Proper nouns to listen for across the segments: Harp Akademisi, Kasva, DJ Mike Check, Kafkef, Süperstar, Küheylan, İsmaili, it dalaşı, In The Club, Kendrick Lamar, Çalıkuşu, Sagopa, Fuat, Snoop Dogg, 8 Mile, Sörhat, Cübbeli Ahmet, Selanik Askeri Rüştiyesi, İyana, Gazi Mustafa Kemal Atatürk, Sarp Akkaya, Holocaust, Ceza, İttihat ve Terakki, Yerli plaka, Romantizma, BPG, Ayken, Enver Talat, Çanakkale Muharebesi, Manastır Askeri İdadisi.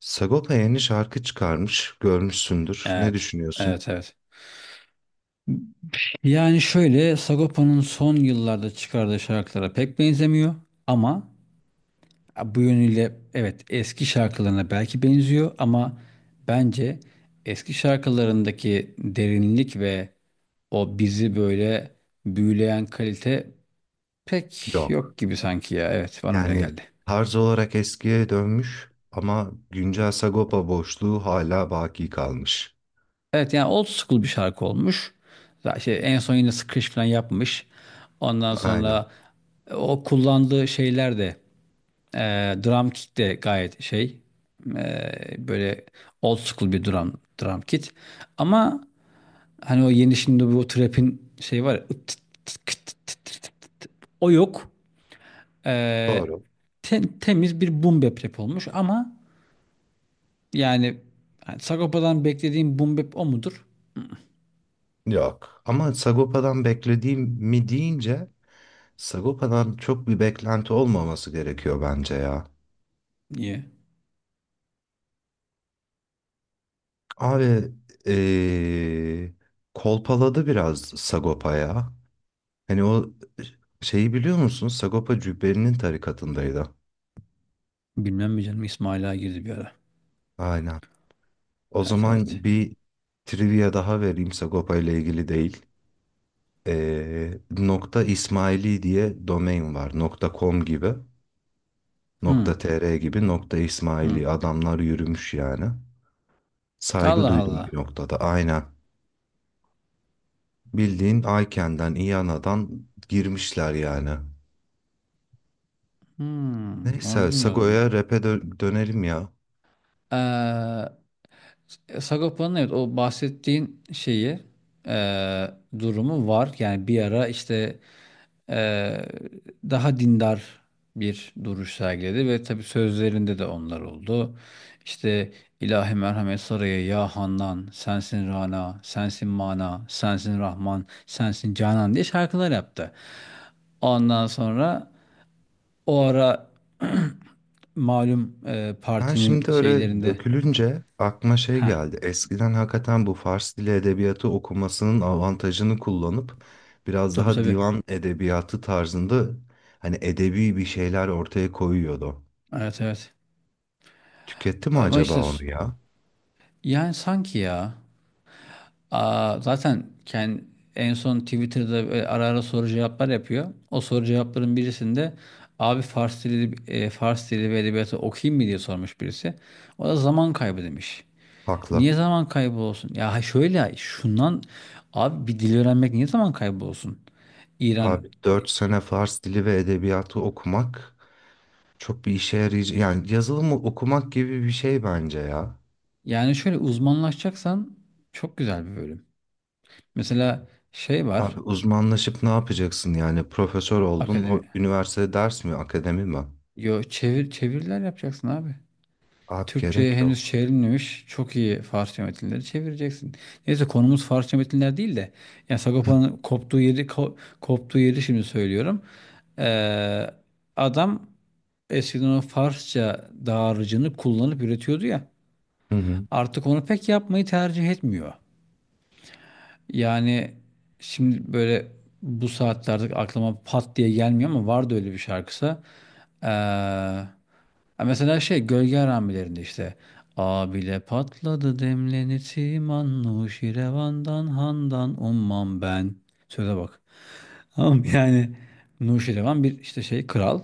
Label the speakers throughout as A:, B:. A: Sagopa yeni şarkı çıkarmış, görmüşsündür. Ne
B: Evet.
A: düşünüyorsun?
B: Evet, evet. Yani şöyle Sagopa'nın son yıllarda çıkardığı şarkılara pek benzemiyor ama bu yönüyle evet eski şarkılarına belki benziyor ama bence eski şarkılarındaki derinlik ve o bizi böyle büyüleyen kalite pek
A: Yok.
B: yok gibi sanki ya. Evet, bana öyle
A: Yani
B: geldi.
A: tarz olarak eskiye dönmüş ama güncel Sagopa boşluğu hala baki kalmış.
B: Evet, yani old school bir şarkı olmuş. Zaten en son yine Scratch falan yapmış. Ondan
A: Aynen.
B: sonra o kullandığı şeyler de drum kit de gayet şey böyle old school bir drum kit. Ama hani o yeni şimdi bu trap'in şey var ya, ıt tıt tıt kıt tıt tıt tıt tıt tıt. O yok. Ee,
A: Doğru.
B: temiz bir boom bap rap olmuş ama yani, hani Sagopa'dan beklediğim boom bap o mudur?
A: Yok. Ama Sagopa'dan beklediğim mi deyince Sagopa'dan çok bir beklenti olmaması gerekiyor bence ya.
B: Niye?
A: Abi eee, kolpaladı biraz Sagopa ya. Hani o şeyi biliyor musun? Sagopa Cübbeli'nin tarikatındaydı.
B: Bilmem mi canım, İsmail'a girdi bir ara.
A: Aynen. O
B: Evet, evet.
A: zaman bir trivia daha vereyim Sagopa ile ilgili değil. Nokta İsmaili diye domain var. Nokta .com gibi, nokta
B: Hmm,
A: .tr gibi, nokta İsmaili.
B: hmm.
A: Adamlar yürümüş yani. Saygı
B: Allah
A: duydum
B: Allah.
A: bir noktada. Aynen. Bildiğin Ayken'den, İyana'dan girmişler yani.
B: Hmm,
A: Neyse
B: onu
A: Sago'ya rap'e dönelim ya.
B: bilmiyorum. E, Sagopa'nın evet o bahsettiğin şeyi e, durumu var. Yani bir ara işte e, daha dindar bir duruş sergiledi ve tabii sözlerinde de onlar oldu. İşte ilahi merhamet saraya ya Handan, sensin Rana, sensin Mana, sensin Rahman, sensin Canan diye şarkılar yaptı. Ondan sonra o ara malum
A: Ben şimdi
B: partinin
A: öyle
B: şeylerinde
A: dökülünce aklıma şey
B: ha
A: geldi. Eskiden hakikaten bu Fars dili edebiyatı okumasının avantajını kullanıp biraz
B: tabii
A: daha
B: tabii
A: divan edebiyatı tarzında hani edebi bir şeyler ortaya koyuyordu.
B: evet evet.
A: Tüketti mi
B: Ama
A: acaba
B: işte
A: onu ya?
B: yani sanki ya zaten kendi, en son Twitter'da böyle ara ara soru cevaplar yapıyor. O soru cevapların birisinde abi Fars dili, Fars dili ve edebiyatı okuyayım mı diye sormuş birisi. O da zaman kaybı demiş.
A: Haklı.
B: Niye zaman kaybı olsun? Ya şöyle şundan abi bir dil öğrenmek niye zaman kaybı olsun? İran
A: Abi dört sene Fars dili ve edebiyatı okumak çok bir işe yarayacak. Yani yazılımı okumak gibi bir şey bence ya.
B: yani şöyle uzmanlaşacaksan çok güzel bir bölüm. Mesela şey var
A: Abi uzmanlaşıp ne yapacaksın yani? Profesör oldun,
B: akademi.
A: üniversitede ders mi, akademi mi?
B: Yo çevir çeviriler yapacaksın abi.
A: Abi
B: Türkçe'ye
A: gerek
B: henüz
A: yok.
B: çevrilmemiş çok iyi Farsça metinleri çevireceksin. Neyse konumuz Farsça metinler değil de yani Sagopa'nın koptuğu yeri koptuğu yeri şimdi söylüyorum. Ee, adam eskiden o Farsça dağarcığını kullanıp üretiyordu ya.
A: Hı hı.
B: Artık onu pek yapmayı tercih etmiyor. Yani şimdi böyle bu saatlerde aklıma pat diye gelmiyor ama vardı öyle bir şarkısı. Ee, Ha, mesela şey gölge haramilerinde işte "Abile patladı demleni timan Nuşi revandan handan ummam ben." Söze bak. Tamam yani Nuşirevan bir işte şey kral.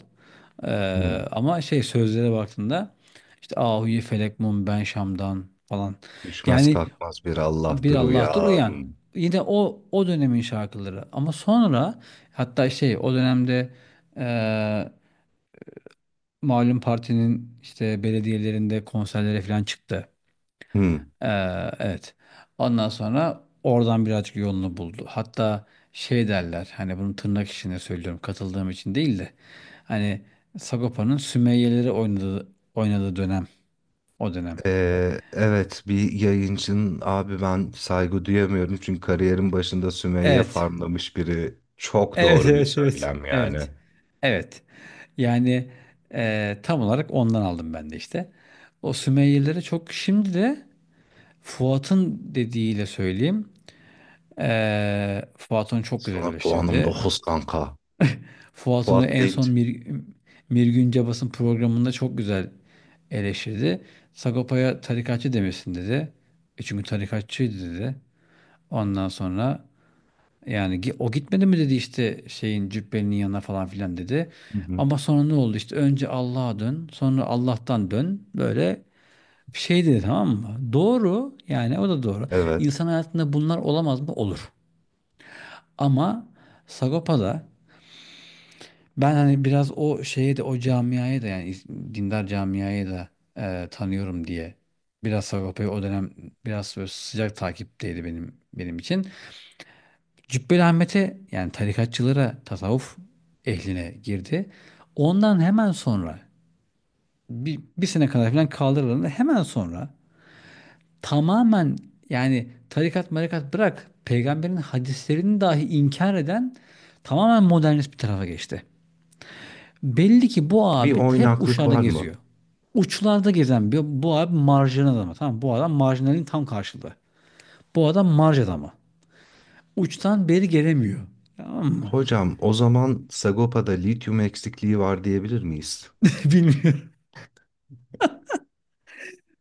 B: Ee,
A: Hı.
B: ama şey sözlere baktığında işte "Ahuyi felek mum ben Şam'dan" falan,
A: Düşmez
B: yani
A: kalkmaz bir
B: bir
A: Allah'tır
B: Allah'tır uyan.
A: uyan.
B: Yine o o dönemin şarkıları. Ama sonra hatta şey o dönemde eee malum partinin işte belediyelerinde konserlere falan çıktı.
A: Hı.
B: Evet. Ondan sonra oradan birazcık yolunu buldu. Hatta şey derler hani bunu tırnak içinde söylüyorum katıldığım için değil de hani Sagopa'nın Sümeyye'leri oynadığı dönem o dönem.
A: Evet, bir yayıncının abi ben saygı duyamıyorum çünkü kariyerin başında Sümeyye
B: Evet.
A: farmlamış biri çok
B: Evet,
A: doğru bir
B: evet, evet,
A: söylem yani.
B: evet, evet. Yani tam olarak ondan aldım ben de işte. O Sümeyyelilere çok şimdi de Fuat'ın dediğiyle söyleyeyim. Fuat onu çok güzel
A: Sana puanım
B: eleştirdi.
A: dokuz kanka.
B: Fuat onu
A: Fuat
B: en son
A: deyince.
B: Mirgün Cabas'ın programında çok güzel eleştirdi. Sagopa'ya tarikatçı demesin dedi. E, çünkü tarikatçıydı dedi. Ondan sonra yani o gitmedi mi dedi işte şeyin cübbenin yanına falan filan dedi.
A: Hı hı.
B: Ama sonra ne oldu işte önce Allah'a dön sonra Allah'tan dön böyle bir şey dedi, tamam mı? Doğru yani o da doğru.
A: Evet.
B: İnsan hayatında bunlar olamaz mı? Olur. Ama Sagopa'da ben hani biraz o şeye de o camiaya da yani dindar camiaya da tanıyorum diye biraz Sagopa'yı o dönem biraz böyle sıcak takipteydi benim için. Cübbeli Ahmet'e yani tarikatçılara, tasavvuf ehline girdi. Ondan hemen sonra bir sene kadar falan kaldırıldı. Hemen sonra tamamen yani tarikat marikat bırak peygamberin hadislerini dahi inkar eden tamamen modernist bir tarafa geçti. Belli ki bu
A: Bir
B: abi hep
A: oynaklık
B: uçlarda
A: var mı?
B: geziyor. Uçlarda gezen bir, bu abi marjinal adamı. Tamam bu adam marjinalin tam karşılığı. Bu adam marj adamı. Uçtan beri gelemiyor. Tamam mı?
A: Hocam o zaman Sagopa'da lityum eksikliği var diyebilir miyiz?
B: Bilmiyorum.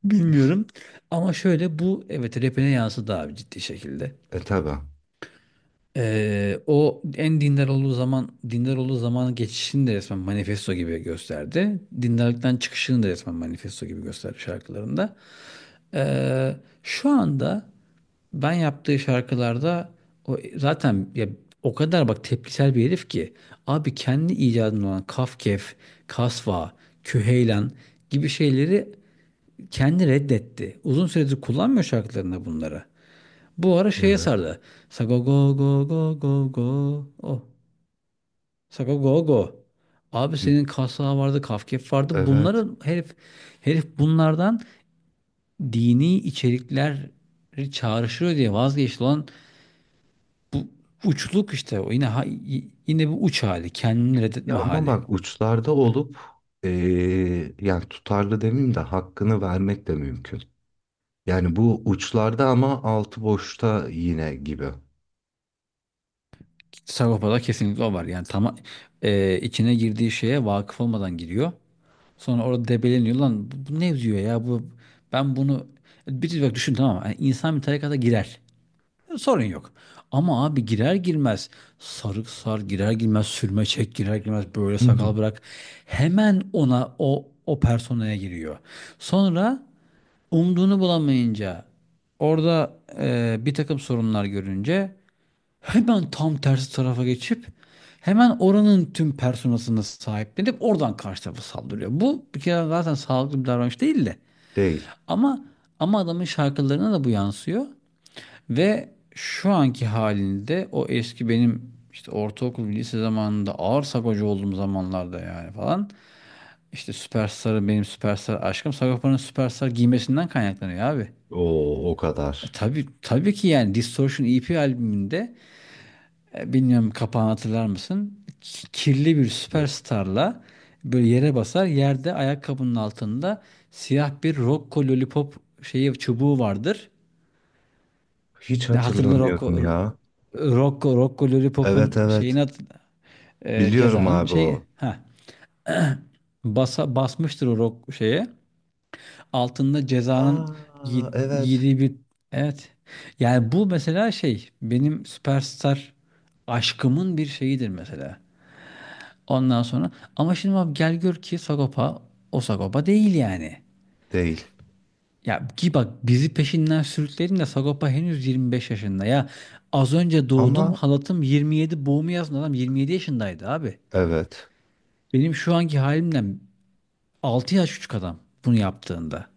B: Bilmiyorum. Ama şöyle bu evet rapine yansıdı abi ciddi şekilde.
A: E tabi.
B: O en dindar olduğu dindar olduğu zamanın geçişini de resmen manifesto gibi gösterdi. Dindarlıktan çıkışını da resmen manifesto gibi gösterdi şarkılarında. Ee, şu anda ben yaptığı şarkılarda o zaten ya o kadar bak tepkisel bir herif ki abi kendi icadında olan Kafkef, Kasva, Küheylan gibi şeyleri kendi reddetti. Uzun süredir kullanmıyor şarkılarında bunları. Bu ara şeye
A: Evet.
B: sardı. Sago go go go go go. Oh. Sago go go. Abi senin kasla vardı, Kafkef vardı.
A: Evet.
B: Bunları herif bunlardan dini içerikleri çağrıştırıyor diye vazgeçti olan bu uçluk işte. O yine yine bu uç hali, kendini
A: Ya
B: reddetme
A: ama
B: hali.
A: bak uçlarda olup yani tutarlı demeyeyim de hakkını vermek de mümkün. Yani bu uçlarda ama altı boşta yine gibi.
B: Sagopa'da kesinlikle o var. Yani tam içine girdiği şeye vakıf olmadan giriyor. Sonra orada debeleniyor. Lan bu ne diyor ya? Bu ben bunu bir bak düşün, tamam mı? Yani insan bir tarikata girer. Sorun yok. Ama abi girer girmez sarık sar, girer girmez sürme çek, girer girmez böyle
A: Hı hı.
B: sakal bırak. Hemen ona o personaya giriyor. Sonra umduğunu bulamayınca orada bir takım sorunlar görünce hemen tam tersi tarafa geçip hemen oranın tüm personasını sahiplenip oradan karşı tarafa saldırıyor. Bu bir kere zaten sağlıklı bir davranış değil de.
A: Değil.
B: Ama adamın şarkılarına da bu yansıyor ve şu anki halinde o eski benim işte ortaokul lise zamanında ağır sagocu olduğum zamanlarda yani falan işte Süperstar'ı benim Süperstar aşkım Sagopa'nın Süperstar giymesinden kaynaklanıyor abi.
A: O o kadar.
B: E tabii ki yani Distortion EP albümünde E, bilmiyorum kapağını hatırlar mısın? Kirli bir
A: Yok.
B: süperstarla böyle yere basar. Yerde ayakkabının altında siyah bir Rocco Lollipop şeyi çubuğu vardır.
A: Hiç
B: Ne hatırla
A: hatırlamıyorum
B: Rocco
A: ya.
B: Rocco Lollipop'un
A: Evet,
B: şeyini
A: evet. Biliyorum
B: cezanın
A: abi
B: şey
A: o.
B: ha basa basmıştır o rock şeye. Altında cezanın giy-
A: Aa evet.
B: giydiği bir evet. Yani bu mesela şey benim süperstar aşkımın bir şeyidir mesela. Ondan sonra ama şimdi abi gel gör ki Sagopa o Sagopa değil yani.
A: Değil.
B: Ya ki bak bizi peşinden sürükledin de Sagopa henüz 25 yaşında ya. Az önce doğdum
A: Ama
B: halatım 27 boğumu yazın adam 27 yaşındaydı abi.
A: evet.
B: Benim şu anki halimden 6 yaş küçük adam bunu yaptığında.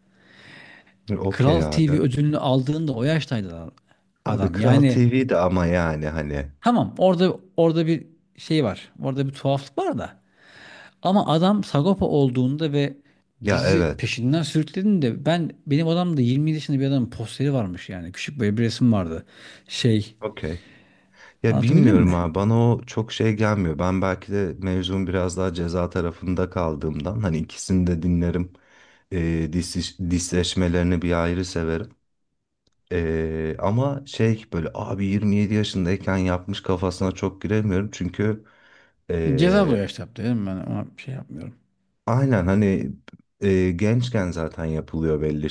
A: Okey
B: Kral TV
A: abi.
B: ödülünü aldığında o yaştaydı adam.
A: Abi
B: Adam
A: Kral
B: yani
A: TV'de ama yani hani.
B: tamam orada bir şey var. Orada bir tuhaflık var da. Ama adam Sagopa olduğunda ve
A: Ya
B: bizi
A: evet.
B: peşinden sürüklediğinde ben benim odamda 20 yaşında bir adamın posteri varmış yani. Küçük böyle bir resim vardı. Şey,
A: Okey. Ya
B: anlatabildim
A: bilmiyorum
B: mi?
A: abi bana o çok şey gelmiyor. Ben belki de mevzum biraz daha ceza tarafında kaldığımdan hani ikisini de dinlerim. Disleşmelerini bir ayrı severim. Ama şey böyle abi 27 yaşındayken yapmış kafasına çok giremiyorum. Çünkü
B: Ceza
A: e,
B: da yaşta yaptı dedim ben ama bir şey yapmıyorum.
A: aynen hani gençken zaten yapılıyor belli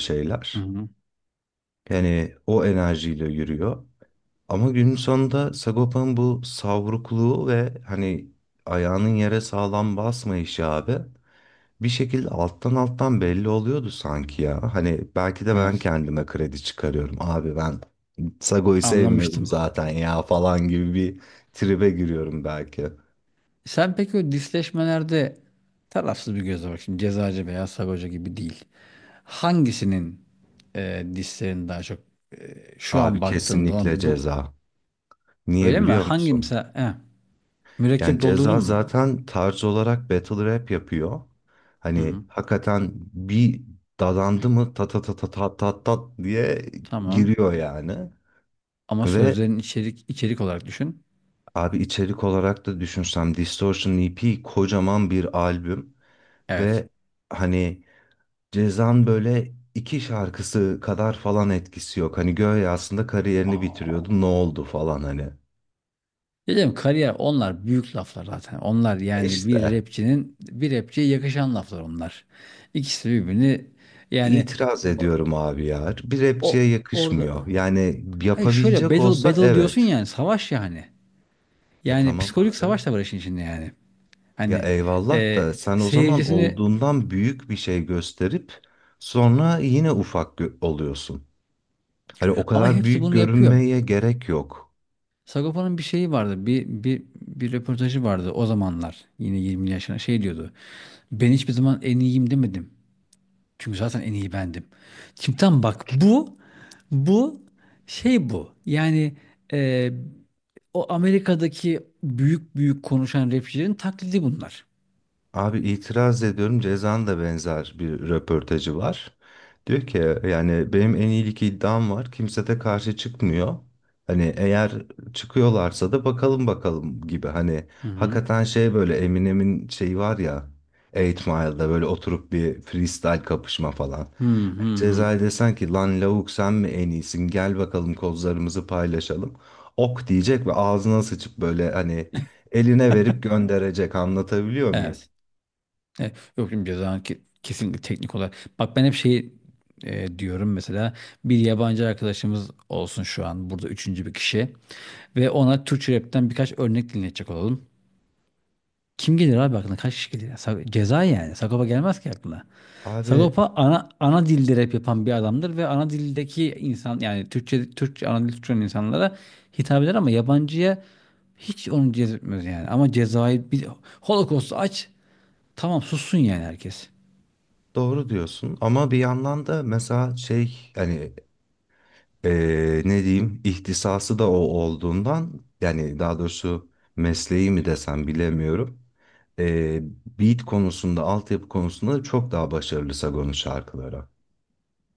B: Hı
A: şeyler.
B: hı.
A: Yani o enerjiyle yürüyor. Ama günün sonunda Sagopa'nın bu savrukluğu ve hani ayağının yere sağlam basmayışı abi bir şekilde alttan alttan belli oluyordu sanki ya. Hani belki de ben
B: Evet.
A: kendime kredi çıkarıyorum. Abi ben Sago'yu sevmiyordum
B: Anlamıştım.
A: zaten ya falan gibi bir tribe giriyorum belki.
B: Sen peki o disleşmelerde tarafsız bir gözle bak şimdi cezacı veya sagoca gibi değil. Hangisinin dislerini daha çok şu an
A: Abi
B: baktığında
A: kesinlikle
B: olan bu
A: ceza. Niye
B: öyle mi?
A: biliyor
B: Hangi
A: musun?
B: mesela
A: Yani
B: mürekkep doldurdun
A: Ceza
B: mu?
A: zaten tarz olarak battle rap yapıyor.
B: Hı
A: Hani
B: hı.
A: hakikaten bir dadandı mı ta ta ta ta ta ta ta diye
B: Tamam.
A: giriyor yani.
B: Ama
A: Ve
B: sözlerin içerik olarak düşün.
A: abi içerik olarak da düşünsem Distortion EP kocaman bir albüm
B: Evet.
A: ve hani Ceza'nın böyle iki şarkısı kadar falan etkisi yok. Hani Göğe aslında kariyerini
B: Aa.
A: bitiriyordu ne oldu falan hani.
B: Dedim kariyer, onlar büyük laflar zaten. Onlar yani bir
A: İşte.
B: rapçinin bir rapçiye yakışan laflar onlar. İkisi birbirini yani
A: İtiraz
B: o,
A: ediyorum abi ya. Bir rapçiye
B: orada
A: yakışmıyor. Yani
B: hayır şöyle
A: yapabilecek
B: battle
A: olsa
B: diyorsun
A: evet.
B: yani savaş yani.
A: E
B: Yani
A: tamam
B: psikolojik
A: abi.
B: savaş da var işin içinde yani.
A: Ya
B: Hani
A: eyvallah
B: e,
A: da sen o zaman
B: seyircisini
A: olduğundan büyük bir şey gösterip sonra yine ufak oluyorsun. Hani o
B: ama
A: kadar
B: hepsi
A: büyük
B: bunu yapıyor.
A: görünmeye gerek yok.
B: Sagopa'nın bir şeyi vardı. Bir röportajı vardı o zamanlar. Yine 20 yaşına şey diyordu. Ben hiçbir zaman en iyiyim demedim. Çünkü zaten en iyi bendim. Şimdi tam bak bu şey bu. Yani e, o Amerika'daki büyük büyük konuşan rapçilerin taklidi bunlar.
A: Abi itiraz ediyorum. Ceza'nın da benzer bir röportajı var. Diyor ki yani benim en iyilik iddiam var. Kimse de karşı çıkmıyor. Hani eğer çıkıyorlarsa da bakalım bakalım gibi. Hani
B: Hı hı.
A: hakikaten şey böyle Eminem'in şeyi var ya 8 Mile'da böyle oturup bir freestyle kapışma falan.
B: Hı hı
A: Hani
B: hı.
A: Ceza'ya desen ki lan lavuk sen mi en iyisin gel bakalım kozlarımızı paylaşalım. Ok diyecek ve ağzına sıçıp böyle hani eline verip gönderecek anlatabiliyor muyum?
B: Evet. Evet. Yok şimdi cezanın kesinlikle teknik olarak. Bak ben hep şey diyorum mesela bir yabancı arkadaşımız olsun şu an burada üçüncü bir kişi ve ona Türkçe rapten birkaç örnek dinletecek olalım. Kim gelir abi aklına? Kaç kişi gelir ya? Ceza yani. Sagopa gelmez ki aklına.
A: Abi
B: Sagopa ana dilde rap yapan bir adamdır ve ana dildeki insan yani Türkçe ana dil Türkçe olan insanlara hitap eder ama yabancıya hiç onu cezbetmez yani. Ama cezayı bir Holocaust'u aç. Tamam sussun yani herkes.
A: doğru diyorsun ama bir yandan da mesela şey hani ne diyeyim ihtisası da o olduğundan yani daha doğrusu mesleği mi desem bilemiyorum. Eee Beat konusunda altyapı konusunda da çok daha başarılı Sagon'un şarkıları.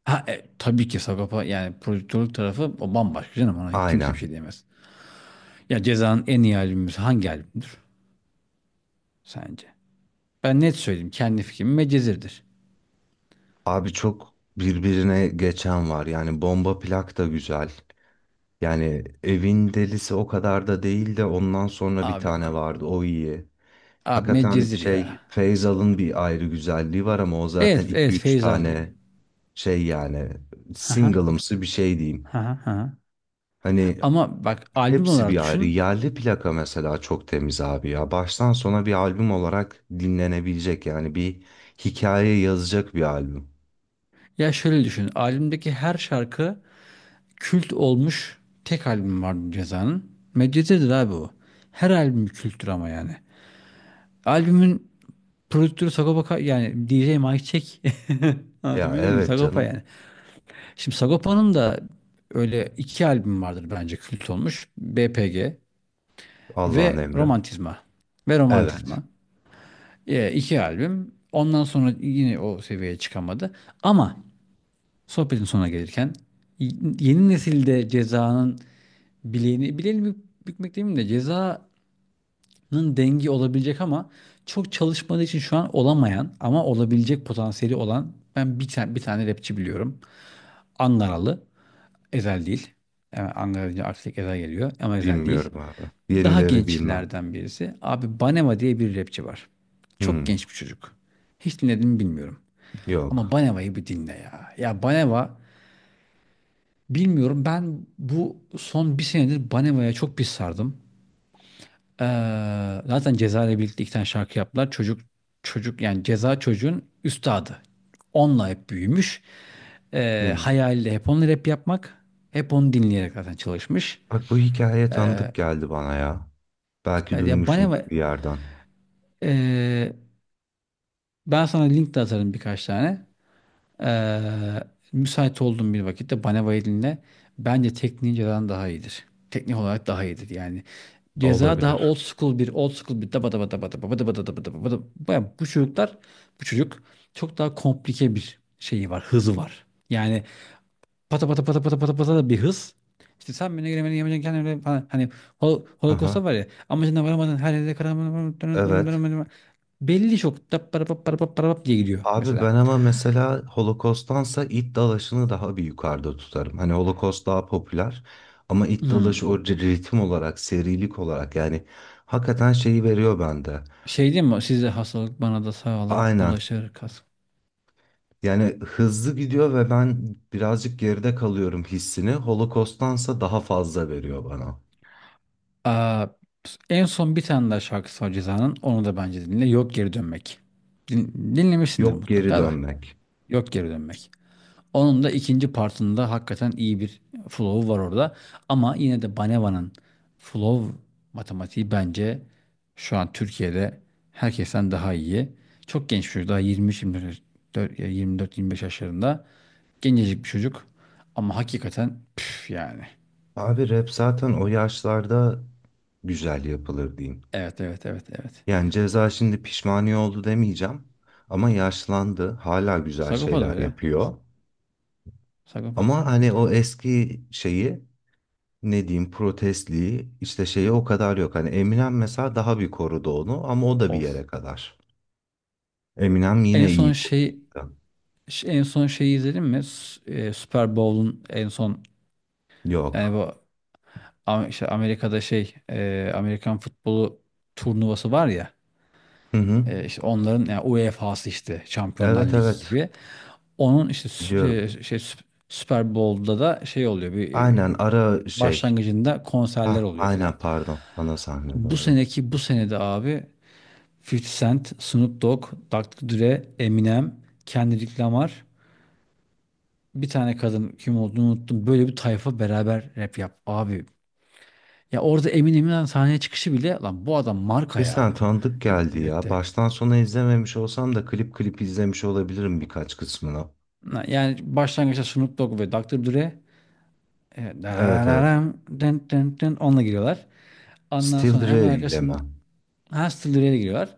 B: Ha, tabii ki Sagopa yani prodüktörlük tarafı o bambaşka canım, ona kimse bir
A: Aynen.
B: şey diyemez. Ya Ceza'nın en iyi albümü hangi albümdür sence? Ben net söyleyeyim, kendi fikrim Medcezir'dir.
A: Abi çok birbirine geçen var yani bomba plak da güzel. Yani evin delisi o kadar da değil de ondan sonra bir
B: Abi yok.
A: tane vardı o iyi.
B: Abi
A: Hakikaten
B: Medcezir ya.
A: şey Feyzal'ın bir ayrı güzelliği var ama o zaten
B: Evet,
A: iki
B: evet
A: üç
B: Feyz aldı.
A: tane şey yani
B: Haha,
A: single'ımsı bir şey diyeyim.
B: haha, haha.
A: Hani
B: Ama bak albüm
A: hepsi
B: olarak
A: bir ayrı.
B: düşün.
A: Yerli plaka mesela çok temiz abi ya. Baştan sona bir albüm olarak dinlenebilecek yani bir hikaye yazacak bir albüm.
B: Ya şöyle düşün. Albümdeki her şarkı kült olmuş tek albüm vardı Ceza'nın. Medcezir'dir abi o. Her albüm bir kültür ama yani. Albümün prodüktörü Sagopa yani DJ Mike Check.
A: Ya
B: Anlatabildim mi?
A: evet
B: Sagopa
A: canım.
B: yani. Şimdi Sagopa'nın da öyle iki albüm vardır bence kült olmuş. BPG
A: Allah'ın
B: ve
A: emri.
B: Romantizma. Ve
A: Evet.
B: Romantizma. E, iki albüm. Ondan sonra yine o seviyeye çıkamadı. Ama sohbetin sonuna gelirken y- yeni nesilde Ceza'nın bileğini, bükmek demeyeyim de Ceza'nın dengi olabilecek ama çok çalışmadığı için şu an olamayan ama olabilecek potansiyeli olan ben bir tane rapçi biliyorum. Angaralı. Ezel değil. Yani Ankara deyince artık Ezel geliyor ama Ezel değil.
A: Bilmiyorum abi.
B: Daha
A: Yenileri bilmem.
B: gençlerden birisi. Abi Banema diye bir rapçi var. Çok
A: Hmm,
B: genç bir çocuk. Hiç dinledim mi bilmiyorum. Ama
A: yok.
B: Baneva'yı bir dinle ya. Ya Baneva bilmiyorum, ben bu son bir senedir Baneva'ya çok bir sardım. Zaten Ceza ile birlikte iki tane şarkı yaptılar. Çocuk yani Ceza çocuğun üstadı. Onunla hep büyümüş.
A: Hmm.
B: Hayali de hep onunla rap yapmak. Hep onu dinleyerek zaten çalışmış.
A: Bak bu hikaye tanıdık geldi bana ya. Belki
B: Evet, ya Baneva
A: duymuşumdur bir yerden.
B: e, ben sana link de atarım birkaç tane. Ee, müsait olduğum bir vakitte bana violinle bence tekniğin cezadan daha iyidir. Teknik olarak daha iyidir yani. Ceza daha
A: Olabilir.
B: old school bir daba daba daba daba daba daba daba daba daba. Baya bu çocuklar bu çocuk çok daha komplike bir şeyi var hızı var. Yani pata pata pata pata pata pata da bir hız. İşte sen beni giremedin yemeyeceksin kendin öyle falan. Hani
A: Aha,
B: Holocaust'ta var ya, amacına varamadın, her yerde
A: evet.
B: karamadın belli, çok da para para para para diye gidiyor
A: Abi
B: mesela.
A: ben ama mesela Holocaust'tansa it dalaşını daha bir yukarıda tutarım. Hani Holocaust daha popüler ama it
B: Hmm.
A: dalaşı o ritim olarak, serilik olarak yani hakikaten şeyi veriyor bende.
B: Şey değil mi? Size hastalık bana da sağlık
A: Aynen.
B: bulaşır kas.
A: Yani hızlı gidiyor ve ben birazcık geride kalıyorum hissini. Holocaust'tansa daha fazla veriyor bana.
B: Aa, en son bir tane daha şarkısı var Ceza'nın. Onu da bence dinle. Yok Geri Dönmek. Dinlemişsindir
A: Yok geri
B: mutlaka da.
A: dönmek.
B: Yok Geri Dönmek. Onun da ikinci partında hakikaten iyi bir flow var orada. Ama yine de Baneva'nın flow matematiği bence şu an Türkiye'de herkesten daha iyi. Çok genç bir çocuk daha, 23-24 ya 24-25 yaşlarında. Gencecik bir çocuk ama hakikaten püf yani.
A: Abi rap zaten o yaşlarda güzel yapılır diyeyim.
B: Evet, evet, evet, evet.
A: Yani Ceza şimdi pişmaniye oldu demeyeceğim ama yaşlandı, hala güzel
B: Sagopa da
A: şeyler
B: öyle.
A: yapıyor.
B: Sagopa da
A: Ama
B: öyle
A: hani
B: oldu.
A: o eski şeyi ne diyeyim protestliği işte şeyi o kadar yok. Hani Eminem mesela daha bir korudu onu ama o da bir
B: Of.
A: yere kadar. Eminem
B: En
A: yine iyi
B: son
A: korudu.
B: şey en son şeyi izledin mi? Super Bowl'un en son, yani
A: Yok.
B: bu, işte Amerika'da Amerikan futbolu turnuvası var ya,
A: Hı hı.
B: işte onların yani UEFA'sı, işte Şampiyonlar
A: Evet,
B: Ligi
A: evet
B: gibi. Onun işte sü-
A: biliyorum.
B: şey, şey Sü- Super Bowl'da da şey oluyor, bir e,
A: Aynen ara şey.
B: başlangıcında konserler
A: Ha
B: oluyor filan.
A: aynen pardon ana sahne
B: Bu
A: doğru.
B: seneki, bu senede abi, 50 Cent, Snoop Dogg, Doktor Dre, Eminem, Kendrick Lamar, bir tane kadın kim olduğunu unuttum. Böyle bir tayfa beraber rap yap. Abi, ya orada Eminem'in sahneye çıkışı bile, "Lan, bu adam marka
A: Bir sen
B: ya,"
A: tanıdık geldi ya.
B: dedirtti.
A: Baştan sona izlememiş olsam da klip klip izlemiş olabilirim birkaç kısmını.
B: Yani başlangıçta Snoop Dogg ve Doktor Dre,
A: Evet, evet.
B: dararararam, dın dın dın, onunla giriyorlar. Ondan
A: Still
B: sonra hemen
A: Dre ile mi?
B: arkasından, ha, Still Dre'yle giriyorlar.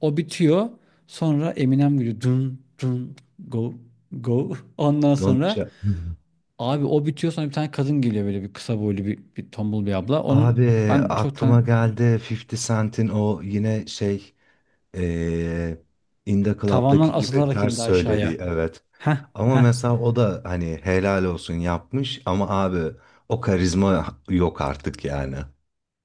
B: O bitiyor. Sonra Eminem giriyor. Dun dun go go. Ondan
A: Don't
B: sonra
A: Cha-
B: abi o bitiyor, sonra bir tane kadın geliyor, böyle bir kısa boylu, bir tombul bir abla. Onun
A: Abi
B: ben çok
A: aklıma geldi 50 Cent'in o yine şey eee In The
B: tavandan
A: Club'daki gibi
B: asılarak
A: ters
B: indi aşağıya.
A: söylediği evet.
B: Heh,
A: Ama
B: heh.
A: mesela o da hani helal olsun yapmış ama abi o karizma yok artık yani.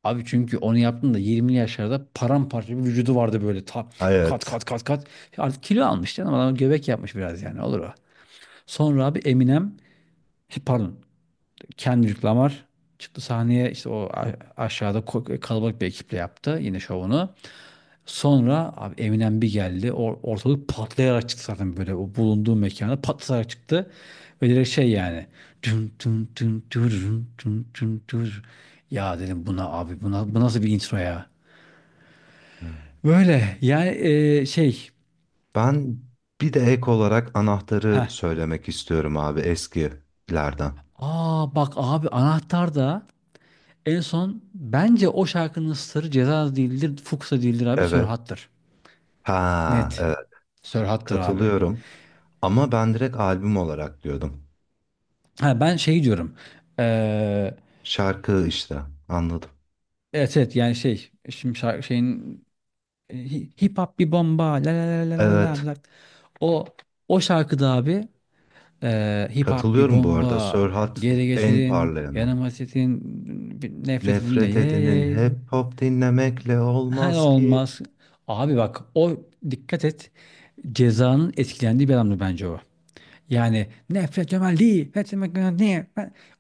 B: Abi çünkü onu yaptığımda 20'li yaşlarda, paramparça bir vücudu vardı, böyle ta, kat
A: Evet.
B: kat kat kat. Artık kilo almış canım adam, göbek yapmış biraz, yani olur o. Sonra abi Eminem, pardon, Kendrick Lamar çıktı sahneye, işte o, aşağıda kalabalık bir ekiple yaptı yine şovunu. Sonra abi Eminem bir geldi, ortalık patlayarak çıktı, zaten böyle o bulunduğu mekana patlayarak çıktı. Ve direkt şey yani, tüm tüm tüm tüm tüm tüm tüm. Ya dedim, "Buna abi, buna, bu nasıl bir intro ya?" Böyle yani e, şey
A: Ben bir de ek olarak anahtarı
B: heh.
A: söylemek istiyorum abi eskilerden.
B: Aa bak abi, anahtar da en son, bence o şarkının sırrı Ceza değildir, Fuchsia değildir, abi
A: Evet.
B: Sörhat'tır.
A: Ha,
B: Net.
A: evet.
B: Sörhat'tır abi.
A: Katılıyorum. Ama ben direkt albüm olarak diyordum.
B: Ha, ben şey diyorum. Eee
A: Şarkı işte. Anladım.
B: evet, evet, yani şey şimdi, şarkı şeyin, hip hop bir bomba, la la la la la la
A: Evet.
B: la. O o şarkıda abi, hip hop bir
A: Katılıyorum bu arada.
B: bomba
A: Sörhat
B: geri
A: en
B: getirin
A: parlayanı.
B: yanıma, sitin nefreti dinle,
A: Nefret
B: ye
A: edinin
B: ye.
A: hep hop dinlemekle
B: He,
A: olmaz ki.
B: olmaz. Abi bak, o, dikkat et. Ceza'nın etkilendiği bir adamdı bence o. Yani nefret temelli, nefret temelli,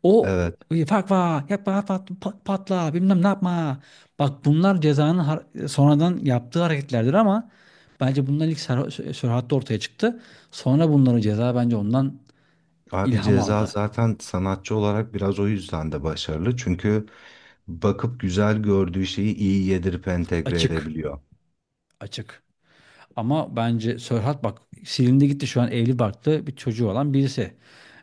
B: o
A: Evet.
B: fakva, yapma, pat, patla, bilmem ne yapma. Bak bunlar Ceza'nın sonradan yaptığı hareketlerdir, ama bence bunlar ilk Serhat'ta ortaya çıktı. Sonra bunların Ceza bence ondan
A: Abi
B: ilham
A: Ceza
B: aldı.
A: zaten sanatçı olarak biraz o yüzden de başarılı. Çünkü bakıp güzel gördüğü şeyi iyi yedirip entegre
B: Açık,
A: edebiliyor.
B: açık. Ama bence Sörhat bak, silindi gitti, şu an evli barklı bir çocuğu olan birisi.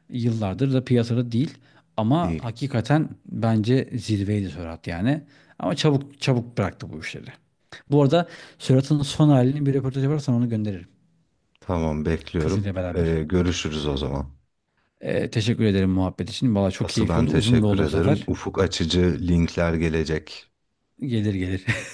B: Yıllardır da piyasada değil. Ama
A: Değil.
B: hakikaten bence zirveydi Sörhat yani. Ama çabuk çabuk bıraktı bu işleri. Bu arada Sörhat'ın son halini, bir röportaj yaparsan onu gönderirim.
A: Tamam bekliyorum.
B: Kızıyla beraber.
A: Görüşürüz o zaman.
B: Teşekkür ederim muhabbet için. Valla çok
A: Asıl
B: keyifli
A: ben
B: oldu. Uzun da
A: teşekkür
B: oldu bu
A: ederim.
B: sefer.
A: Ufuk açıcı linkler gelecek.
B: Gelir, gelir.